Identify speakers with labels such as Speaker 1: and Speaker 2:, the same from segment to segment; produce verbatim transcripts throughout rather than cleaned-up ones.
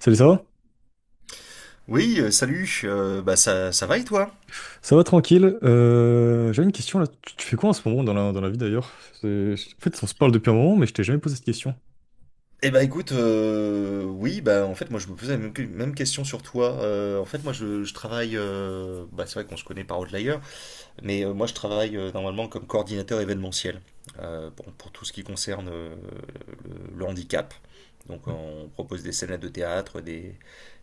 Speaker 1: Salut, ça va?
Speaker 2: Oui, euh, salut, euh, bah ça, ça va et toi?
Speaker 1: Ça va tranquille. Euh, j'avais une question là. Tu, tu fais quoi en ce moment dans la, dans la vie d'ailleurs? C'est- En fait, on se parle depuis un moment, mais je t'ai jamais posé cette question.
Speaker 2: Eh bah écoute, euh, oui, bah en fait moi je me posais la même, que- même question sur toi. Euh, en fait moi je, je travaille, euh, bah c'est vrai qu'on se connaît par Outlier, mais euh, moi je travaille euh, normalement comme coordinateur événementiel euh, pour, pour tout ce qui concerne euh, le, le handicap. Donc on propose des scènes de théâtre, des,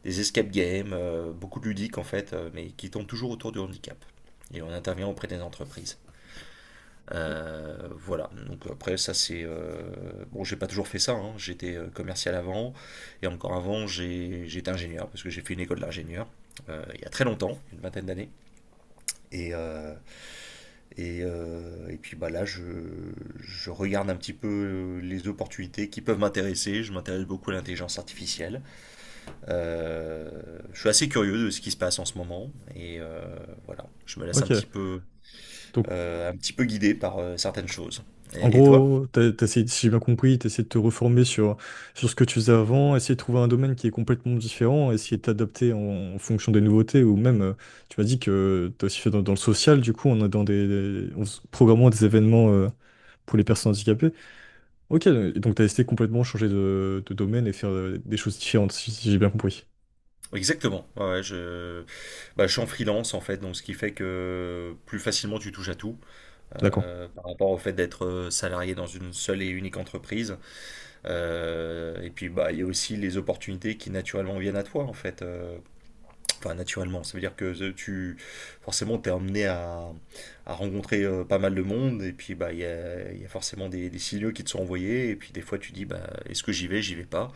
Speaker 2: des escape games, euh, beaucoup de ludiques en fait, euh, mais qui tournent toujours autour du handicap. Et on intervient auprès des entreprises. Euh, voilà, donc après ça c'est... euh, Bon, j'ai pas toujours fait ça, hein. J'étais euh, commercial avant, et encore avant j'ai- j'étais ingénieur, parce que j'ai fait une école d'ingénieur, euh, il y a très longtemps, une vingtaine d'années. Et, euh, et, euh, et puis bah là je, je regarde un petit peu euh, les opportunités qui peuvent m'intéresser, je m'intéresse beaucoup à l'intelligence artificielle. Euh, je suis assez curieux de ce qui se passe en ce moment, et euh, voilà, je me laisse un
Speaker 1: Ok.
Speaker 2: petit peu,
Speaker 1: Donc,
Speaker 2: euh, un petit peu guidé par euh, certaines choses.
Speaker 1: en
Speaker 2: et et toi?
Speaker 1: gros, t'as, t'as essayé, si j'ai bien compris, t'as essayé de te reformer sur, sur ce que tu faisais avant, essayer de trouver un domaine qui est complètement différent, essayer de t'adapter en, en fonction des nouveautés, ou même, euh, tu m'as dit que t'as aussi fait dans, dans le social, du coup, on a dans des, des- en s- programmant des événements euh, pour les personnes handicapées. Ok, donc t'as essayé complètement changer de, de domaine et faire euh, des choses différentes, si si j'ai bien compris.
Speaker 2: Exactement. Ouais, ouais, je... bah, je suis en freelance en fait, donc ce qui fait que plus facilement tu touches à tout
Speaker 1: D'accord,
Speaker 2: euh, par rapport au fait d'être euh, salarié dans une seule et unique entreprise. Euh, et puis bah il y a aussi les opportunités qui naturellement viennent à toi en fait. Euh, enfin naturellement, ça veut dire que euh, tu forcément t'es emmené à, à rencontrer euh, pas mal de monde et puis bah il y a, il y a forcément des, des signaux qui te sont envoyés et puis des fois tu dis bah est-ce que j'y vais, j'y vais pas.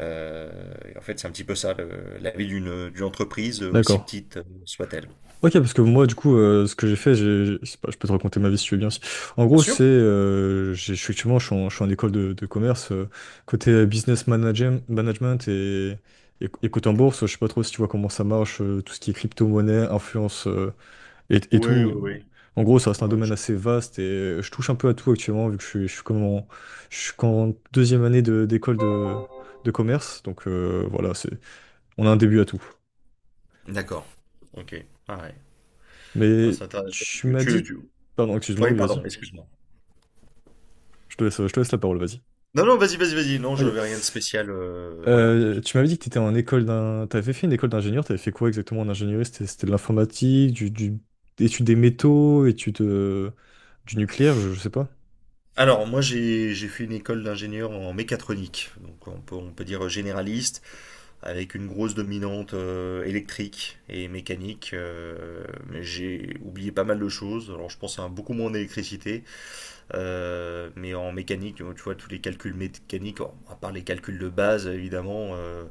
Speaker 2: Euh, et en fait, c'est un petit peu ça, le- la vie d'une d'une entreprise, euh, aussi
Speaker 1: d'accord.
Speaker 2: petite euh, soit-elle.
Speaker 1: Ok, parce que moi, du coup, euh, ce que j'ai fait, j'ai, j'ai- je pas, je peux te raconter ma vie si tu veux bien. Aussi. En
Speaker 2: Bien
Speaker 1: gros,
Speaker 2: sûr.
Speaker 1: c'est, euh, j'ai- je suis- effectivement, je suis en, je suis en école de, de commerce, euh, côté euh, business managem- management et, et, et côté en bourse, je sais pas trop si tu vois comment ça marche, euh, tout ce qui est crypto-monnaie, influence euh, et, et
Speaker 2: Oui, oui,
Speaker 1: tout.
Speaker 2: Ouais.
Speaker 1: En gros, ça reste
Speaker 2: oui.
Speaker 1: un
Speaker 2: Ouais.
Speaker 1: domaine assez vaste et euh, je touche un peu à tout actuellement, vu que je suis, je suis comme en, je suis qu'en deuxième année de, d'école de, de commerce, donc euh, voilà, c'est, on a un début à tout.
Speaker 2: D'accord. Ok. Ah ouais. Ah,
Speaker 1: Mais
Speaker 2: c'est intéressant.
Speaker 1: tu m'as
Speaker 2: Tu,
Speaker 1: dit...
Speaker 2: tu...
Speaker 1: Pardon, excuse-moi,
Speaker 2: Oui,
Speaker 1: oui, vas-y.
Speaker 2: pardon, excuse-moi.
Speaker 1: Je te laisse, je te laisse la parole, vas-y.
Speaker 2: Non, non, vas-y, vas-y, vas-y. Non, je
Speaker 1: Ok.
Speaker 2: veux rien de spécial. Euh, voilà.
Speaker 1: Euh, tu m'avais dit que tu étais en école d'un... T'avais fait une école d'ingénieur, t'avais fait quoi exactement en ingénierie? C'était, c'était de l'informatique, du, du... études des métaux, études euh, du nucléaire, je, je sais pas.
Speaker 2: Alors, moi, j'ai j'ai fait une école d'ingénieur en mécatronique. Donc, on peut, on peut dire généraliste, avec une grosse dominante euh, électrique et mécanique. euh, mais j'ai oublié pas mal de choses. Alors, je pense à beaucoup moins d'électricité. Euh, mais en mécanique, tu vois, tous les calculs mécaniques, à part les calculs de base, évidemment, euh,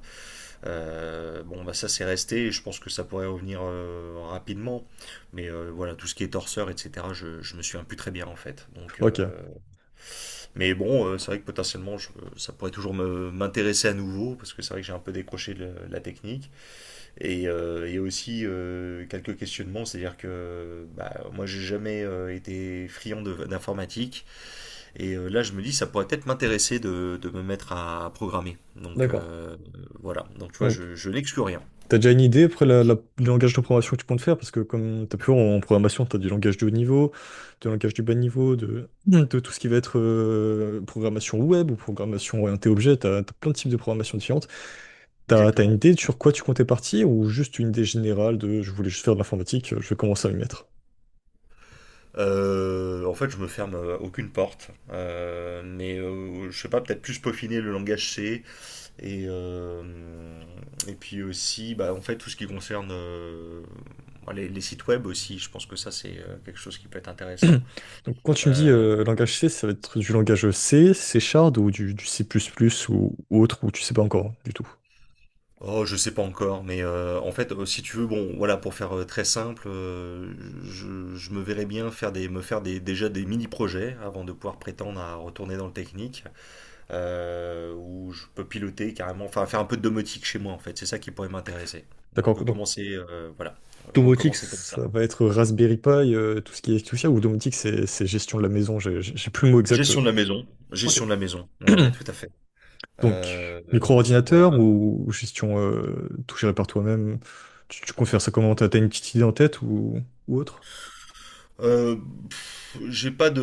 Speaker 2: euh, bon, bah ça c'est resté, et je pense que ça pourrait revenir euh, rapidement. Mais euh, voilà, tout ce qui est torseur, et cetera, je, je me souviens plus très bien en fait. Donc,
Speaker 1: Ok,
Speaker 2: euh, Mais bon, euh, c'est vrai que potentiellement, je- ça pourrait toujours me- m'intéresser à nouveau, parce que c'est vrai que j'ai un peu décroché de la technique. Et euh, il y a aussi euh, quelques questionnements, c'est-à-dire que bah, moi j'ai jamais euh, été friand de- d'informatique. Et euh, là, je me dis, ça pourrait peut-être m'intéresser de, de me mettre à, programmer. Donc
Speaker 1: d'accord.
Speaker 2: euh, voilà, donc tu vois, je, je n'exclus rien.
Speaker 1: T'as déjà une idée après la, la- le langage de programmation que tu comptes faire? Parce que comme t'as pu voir en programmation, t'as du langage de haut niveau, du langage du bas niveau, de, de tout ce qui va être euh, programmation web ou programmation orientée objet, t'as, t'as plein de types de programmation différentes. T'as, t'as une
Speaker 2: Exactement.
Speaker 1: idée sur quoi tu comptais partir ou juste une idée générale de je voulais juste faire de l'informatique, je vais commencer à m'y mettre.
Speaker 2: Euh, en fait, je me ferme euh, aucune porte, Euh, mais euh, je sais pas, peut-être plus peaufiner le langage C et euh, et puis aussi, bah, en fait, tout ce qui concerne euh, les, les sites web aussi. Je pense que ça c'est euh, quelque chose qui peut être intéressant.
Speaker 1: Donc, quand tu me dis
Speaker 2: Euh,
Speaker 1: euh, langage C, ça va être du langage C, C Shard ou du, du C++ ou, ou autre, ou tu sais pas encore du tout.
Speaker 2: Oh, je sais pas encore, mais euh, en fait, euh, si tu veux, bon, voilà, pour faire euh, très simple, euh, je, je me verrais bien faire des, me faire des, déjà des mini-projets avant de pouvoir prétendre à retourner dans le technique, euh, où je peux piloter carrément, enfin faire un peu de domotique chez moi, en fait, c'est ça qui pourrait m'intéresser. Donc
Speaker 1: D'accord.
Speaker 2: euh,
Speaker 1: Donc,
Speaker 2: commencer, euh, voilà,
Speaker 1: domotique,
Speaker 2: recommencer comme ça.
Speaker 1: ça va être Raspberry Pi, euh, tout ce qui est tout ça, ou domotique, c'est c'est gestion de la maison, j'ai j'ai- j'ai plus le mot exact.
Speaker 2: Gestion
Speaker 1: Euh.
Speaker 2: de la maison,
Speaker 1: Ok.
Speaker 2: gestion de la maison, ouais, ouais, tout à fait.
Speaker 1: Donc,
Speaker 2: Euh, euh, voilà,
Speaker 1: micro-ordinateur ou, ou gestion euh, tout géré par toi-même, tu, tu confères ça comment? T'as t'as une petite idée en tête ou, ou autre?
Speaker 2: Euh, pff, j'ai pas de,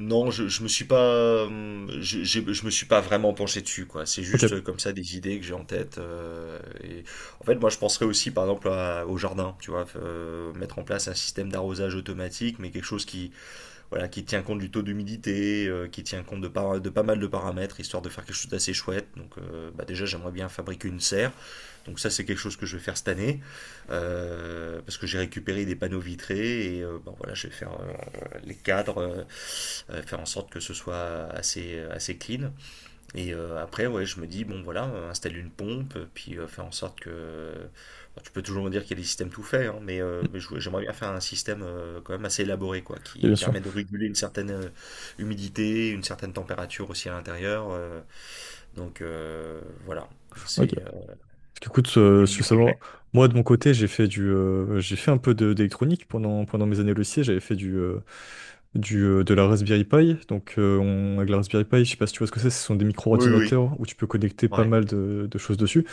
Speaker 2: non, je, je me suis pas, hum, je, j'ai- je me suis pas vraiment penché dessus, quoi. C'est
Speaker 1: Ok.
Speaker 2: juste euh,
Speaker 1: Ok,
Speaker 2: comme ça des idées que j'ai en tête. Euh, et en fait, moi, je penserais aussi, par exemple, à- au jardin, tu vois, euh, mettre en place un système d'arrosage automatique, mais quelque chose qui, voilà, qui tient compte du taux d'humidité, euh, qui tient compte de pas, de pas mal de paramètres, histoire de faire quelque chose d'assez chouette. Donc, euh, bah, déjà, j'aimerais bien fabriquer une serre. Donc ça, c'est quelque chose que je vais faire cette année, euh, parce que j'ai récupéré des panneaux vitrés, et euh, bon, voilà, je vais faire euh, les cadres, euh, euh, faire en sorte que ce soit assez, assez clean. Et euh, après, ouais, je me dis, bon, voilà, euh, installer une pompe, puis euh, faire en sorte que... Bon, tu peux toujours me dire qu'il y a des systèmes tout faits, hein, mais, euh, mais je- j'aimerais bien faire un système euh, quand même assez élaboré, quoi, qui
Speaker 1: bien sûr.
Speaker 2: permet de réguler une certaine euh, humidité, une certaine température aussi à l'intérieur. Euh, donc euh, voilà,
Speaker 1: Ok.
Speaker 2: c'est
Speaker 1: Parce
Speaker 2: euh,
Speaker 1: qu'écoute,
Speaker 2: des
Speaker 1: euh, je veux savoir,
Speaker 2: mini-projets.
Speaker 1: moi de mon côté, j'ai fait du, euh, j'ai fait un peu de- d'électronique pendant, pendant mes années au lycée. J'avais fait du, euh, du, euh, de la Raspberry Pi. Donc, euh, on, avec la Raspberry Pi, je sais pas si tu vois ce que c'est, ce sont des
Speaker 2: Oui, oui.
Speaker 1: micro-ordinateurs où tu peux connecter pas
Speaker 2: Ouais,
Speaker 1: mal de, de choses dessus.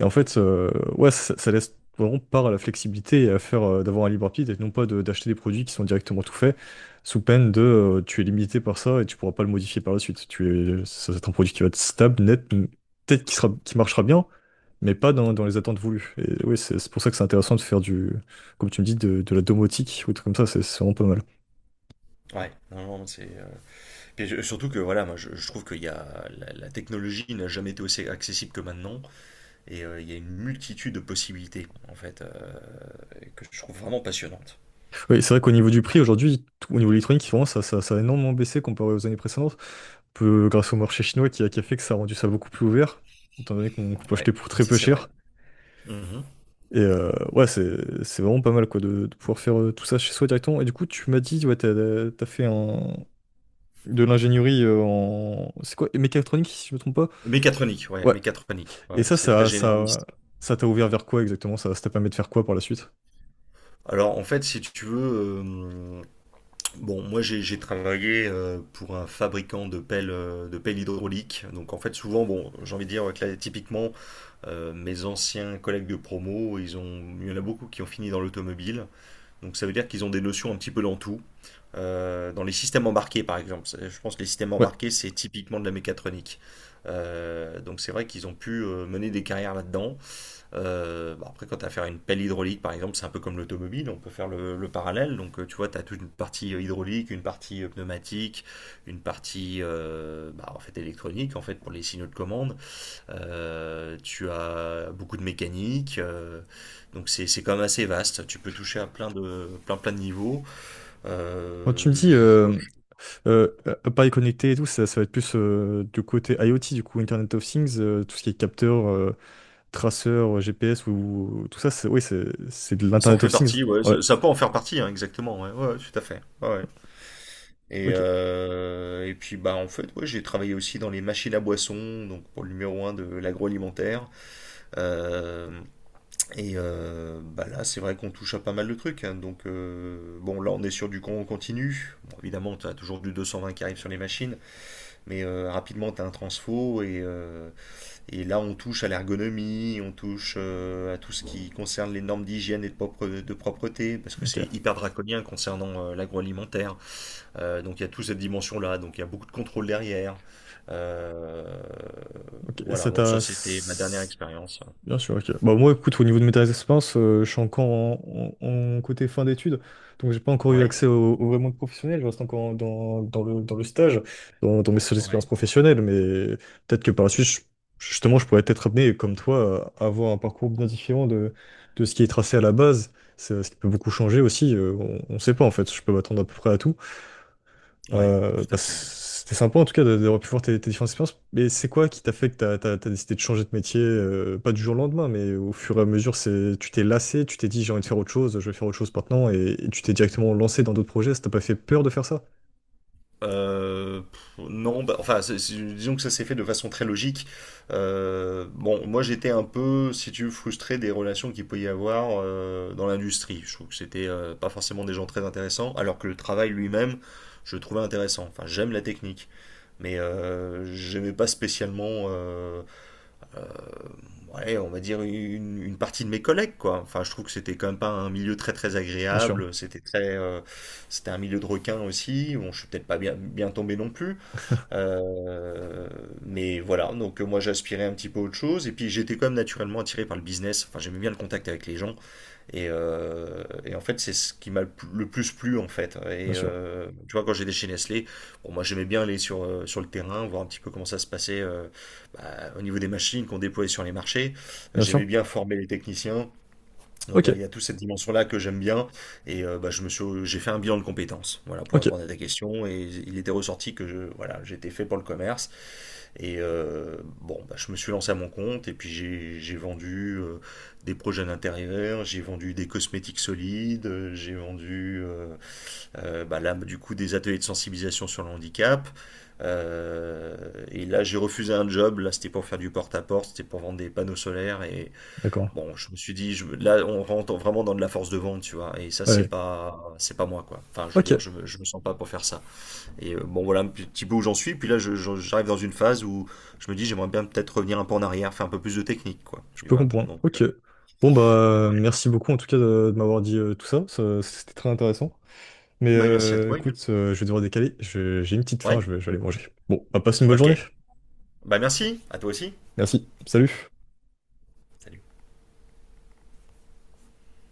Speaker 1: Et en fait, euh, ouais, ça, ça laisse vraiment part à la flexibilité et à faire euh, d'avoir un libre arbitre et non pas de- d'acheter des produits qui sont directement tout faits sous peine de euh, tu es limité par ça et tu pourras pas le modifier par la suite. Tu es, ça va être un produit qui va être stable, net, peut-être qui sera, qui marchera bien, mais pas dans, dans les attentes voulues. Et oui, c'est c'est pour ça que c'est intéressant de faire du, comme tu me dis, de, de la domotique ou des trucs comme ça, c'est c'est vraiment pas mal.
Speaker 2: ouais, non, non, c'est. Euh, puis je- surtout que voilà, moi je, je trouve qu'il y a la, la technologie n'a jamais été aussi accessible que maintenant, et euh, il y a une multitude de possibilités en fait euh, que je trouve vraiment passionnante.
Speaker 1: Oui, c'est vrai qu'au niveau du prix, aujourd'hui, tout- au niveau électronique, vraiment, ça, ça, ça a énormément baissé comparé aux années précédentes, peu, grâce au marché chinois qui a, qui a fait que ça a rendu ça beaucoup plus ouvert, étant donné qu'on peut
Speaker 2: Ouais,
Speaker 1: acheter pour très
Speaker 2: ça
Speaker 1: peu
Speaker 2: c'est vrai.
Speaker 1: cher.
Speaker 2: Mhm.
Speaker 1: Et euh, ouais, c'est c'est vraiment pas mal quoi, de, de pouvoir faire euh, tout ça chez soi directement. Et du coup, tu m'as dit, ouais, t'as, t'as fait un, de l'ingénierie euh, en... C'est quoi? Mécatronique, si je me trompe pas?
Speaker 2: Mécatronique, ouais,
Speaker 1: Ouais.
Speaker 2: mécatronique,
Speaker 1: Et
Speaker 2: ouais,
Speaker 1: ça,
Speaker 2: c'est très
Speaker 1: ça, ça,
Speaker 2: généraliste.
Speaker 1: ça t'a ouvert vers quoi exactement? Ça, ça t'a permis de faire quoi par la suite?
Speaker 2: Alors en fait, si tu veux, euh, bon, moi j'ai j'ai travaillé euh, pour un fabricant de pelles, euh, de pelles hydrauliques, donc en fait souvent, bon, j'ai envie de dire que typiquement Euh, mes anciens collègues de promo, ils ont, il y en a beaucoup qui ont fini dans l'automobile. Donc ça veut dire qu'ils ont des notions un petit peu dans tout. Euh, dans les systèmes embarqués, par exemple. C'est- Je pense que les systèmes
Speaker 1: Ouais.
Speaker 2: embarqués, c'est typiquement de la mécatronique. Euh, donc c'est vrai qu'ils ont pu euh, mener des carrières là-dedans. Euh, bah, après, quand tu as à faire une pelle hydraulique, par exemple, c'est un peu comme l'automobile, on peut faire le, le parallèle. Donc euh, tu vois, tu as toute une partie euh, hydraulique, une partie euh, pneumatique, une partie euh, bah, en fait électronique, en fait pour les signaux de commande. Euh, tu as beaucoup de mécanique, euh, donc c'est c'est quand même assez vaste. Tu peux toucher à plein de plein plein de niveaux.
Speaker 1: Quand tu me
Speaker 2: Euh,
Speaker 1: dis
Speaker 2: je-
Speaker 1: euh, euh, appareil connecté et tout, ça, ça va être plus euh, du côté IoT, du coup Internet of Things, euh, tout ce qui est capteur, euh, traceur, G P S ou tout ça, c'est oui, c'est c'est de
Speaker 2: Ça en
Speaker 1: l'Internet
Speaker 2: fait
Speaker 1: of Things.
Speaker 2: partie, ouais.
Speaker 1: Ouais.
Speaker 2: Ça, ça peut en faire partie, hein, exactement. Ouais, ouais, ouais, tout à fait. Ouais. ouais. Et
Speaker 1: Ok.
Speaker 2: euh, et puis bah en fait, ouais, j'ai travaillé aussi dans les machines à boissons, donc pour le numéro un de l'agroalimentaire. Euh, et euh, bah là, c'est vrai qu'on touche à pas mal de trucs. hein. Donc euh, bon, là, on est sur du con continu. Bon, évidemment, tu as toujours du deux cent vingt qui arrive sur les machines. Mais euh, rapidement, tu as un transfo et, euh, et là, on touche à l'ergonomie, on touche euh, à tout ce qui concerne les normes d'hygiène et de, propre- de propreté, parce que c'est
Speaker 1: Ok.
Speaker 2: hyper draconien concernant euh, l'agroalimentaire. Euh, donc il y a toute cette dimension-là, donc il y a beaucoup de contrôle derrière. Euh,
Speaker 1: Ok. Et
Speaker 2: voilà,
Speaker 1: ça
Speaker 2: bon,
Speaker 1: t'a
Speaker 2: ça c'était ma dernière expérience.
Speaker 1: bien sûr, ok. Bah, moi, écoute, au niveau de mes expériences, euh, je suis encore en, en- en côté fin d'études, donc j'ai pas encore eu
Speaker 2: Ouais,
Speaker 1: accès au, au vrai monde professionnel, je reste encore en- dans, dans le, dans le stage, dans, dans mes seules
Speaker 2: ouais,
Speaker 1: expériences professionnelles, mais peut-être que par la suite, je- justement, je pourrais être amené, comme toi, à avoir un parcours bien différent de, de ce qui est tracé à la base, C'est- ce qui peut beaucoup changer aussi, euh, on, on sait pas en fait, je peux m'attendre à peu près à tout,
Speaker 2: ouais,
Speaker 1: euh,
Speaker 2: tout
Speaker 1: bah,
Speaker 2: à fait.
Speaker 1: c'était sympa en tout cas de- d'avoir pu voir tes, tes différentes expériences. Mais c'est quoi qui t'a fait que t'as, t'as- t'as décidé de changer de métier, euh, pas du jour au lendemain, mais au fur et à mesure, c'est, tu t'es lassé, tu t'es dit j'ai envie de faire autre chose, je vais faire autre chose maintenant, et, et tu t'es directement lancé dans d'autres projets. Ça t'a pas fait peur de faire ça?
Speaker 2: Euh, non, bah, enfin, c'est- c'est- disons que ça s'est fait de façon très logique. Euh, bon, moi j'étais un peu, si tu veux, frustré des relations qu'il peut y avoir euh, dans l'industrie. Je trouve que c'était euh, pas forcément des gens très intéressants, alors que le travail lui-même, je le trouvais intéressant. Enfin, j'aime la technique, mais euh, j'aimais pas spécialement, euh, ouais, on va dire une, une partie de mes collègues, quoi. Enfin, je trouve que c'était quand même pas un milieu très très
Speaker 1: Bien sûr,
Speaker 2: agréable. C'était très, euh, c'était un milieu de requins aussi. Bon, je suis peut-être pas bien, bien tombé non plus. Euh, mais voilà, donc euh, moi j'aspirais un petit peu à autre chose, et puis j'étais quand même naturellement attiré par le business, enfin j'aimais bien le contact avec les gens, et, euh, et en fait c'est ce qui m'a le pl- le plus plu en fait.
Speaker 1: bien
Speaker 2: Et
Speaker 1: sûr,
Speaker 2: euh, tu vois, quand j'étais chez Nestlé, bon, moi j'aimais bien aller sur, euh, sur le terrain, voir un petit peu comment ça se passait euh, bah, au niveau des machines qu'on déployait sur les marchés,
Speaker 1: bien sûr.
Speaker 2: j'aimais bien former les techniciens, donc
Speaker 1: Ok,
Speaker 2: euh, il y a toute cette dimension-là que j'aime bien et euh, bah, je me suis, j'ai fait un bilan de compétences, voilà, pour
Speaker 1: ok,
Speaker 2: répondre à ta question et il était ressorti que je, voilà, j'étais fait pour le commerce et euh, bon, bah, je me suis lancé à mon compte et puis j'ai, j'ai vendu euh, des projets d'intérieur, j'ai vendu des cosmétiques solides, euh, j'ai vendu euh, euh, bah, là du coup des ateliers de sensibilisation sur le handicap. Euh, et là, j'ai refusé un job. Là, c'était pour faire du porte-à-porte, c'était pour vendre des panneaux solaires. Et,
Speaker 1: d'accord.
Speaker 2: Bon, je me suis dit, je, là, on rentre vraiment dans de la force de vente, tu vois, et ça, c'est
Speaker 1: Ouais.
Speaker 2: pas, c'est pas moi, quoi. Enfin, je veux dire, je
Speaker 1: Ok.
Speaker 2: me, je me sens pas pour faire ça. Et euh, bon, voilà un petit peu où j'en suis, puis là, je- je- j'arrive dans une phase où je me dis, j'aimerais bien peut-être revenir un peu en arrière, faire un peu plus de technique, quoi,
Speaker 1: Je
Speaker 2: tu
Speaker 1: peux
Speaker 2: vois.
Speaker 1: comprendre.
Speaker 2: Donc, euh,
Speaker 1: Ok. Bon, bah,
Speaker 2: ouais.
Speaker 1: merci beaucoup en tout cas de, de m'avoir dit euh, tout ça. Ça- C'était très intéressant. Mais
Speaker 2: Bah, merci à
Speaker 1: euh,
Speaker 2: toi, également.
Speaker 1: écoute, euh, je vais devoir décaler. Je- j'ai une petite faim,
Speaker 2: Ouais?
Speaker 1: je vais, je vais aller manger. Bon, bah, passe une bonne
Speaker 2: Ok.
Speaker 1: journée.
Speaker 2: Bah, merci, à toi aussi.
Speaker 1: Merci. Salut.
Speaker 2: Salut.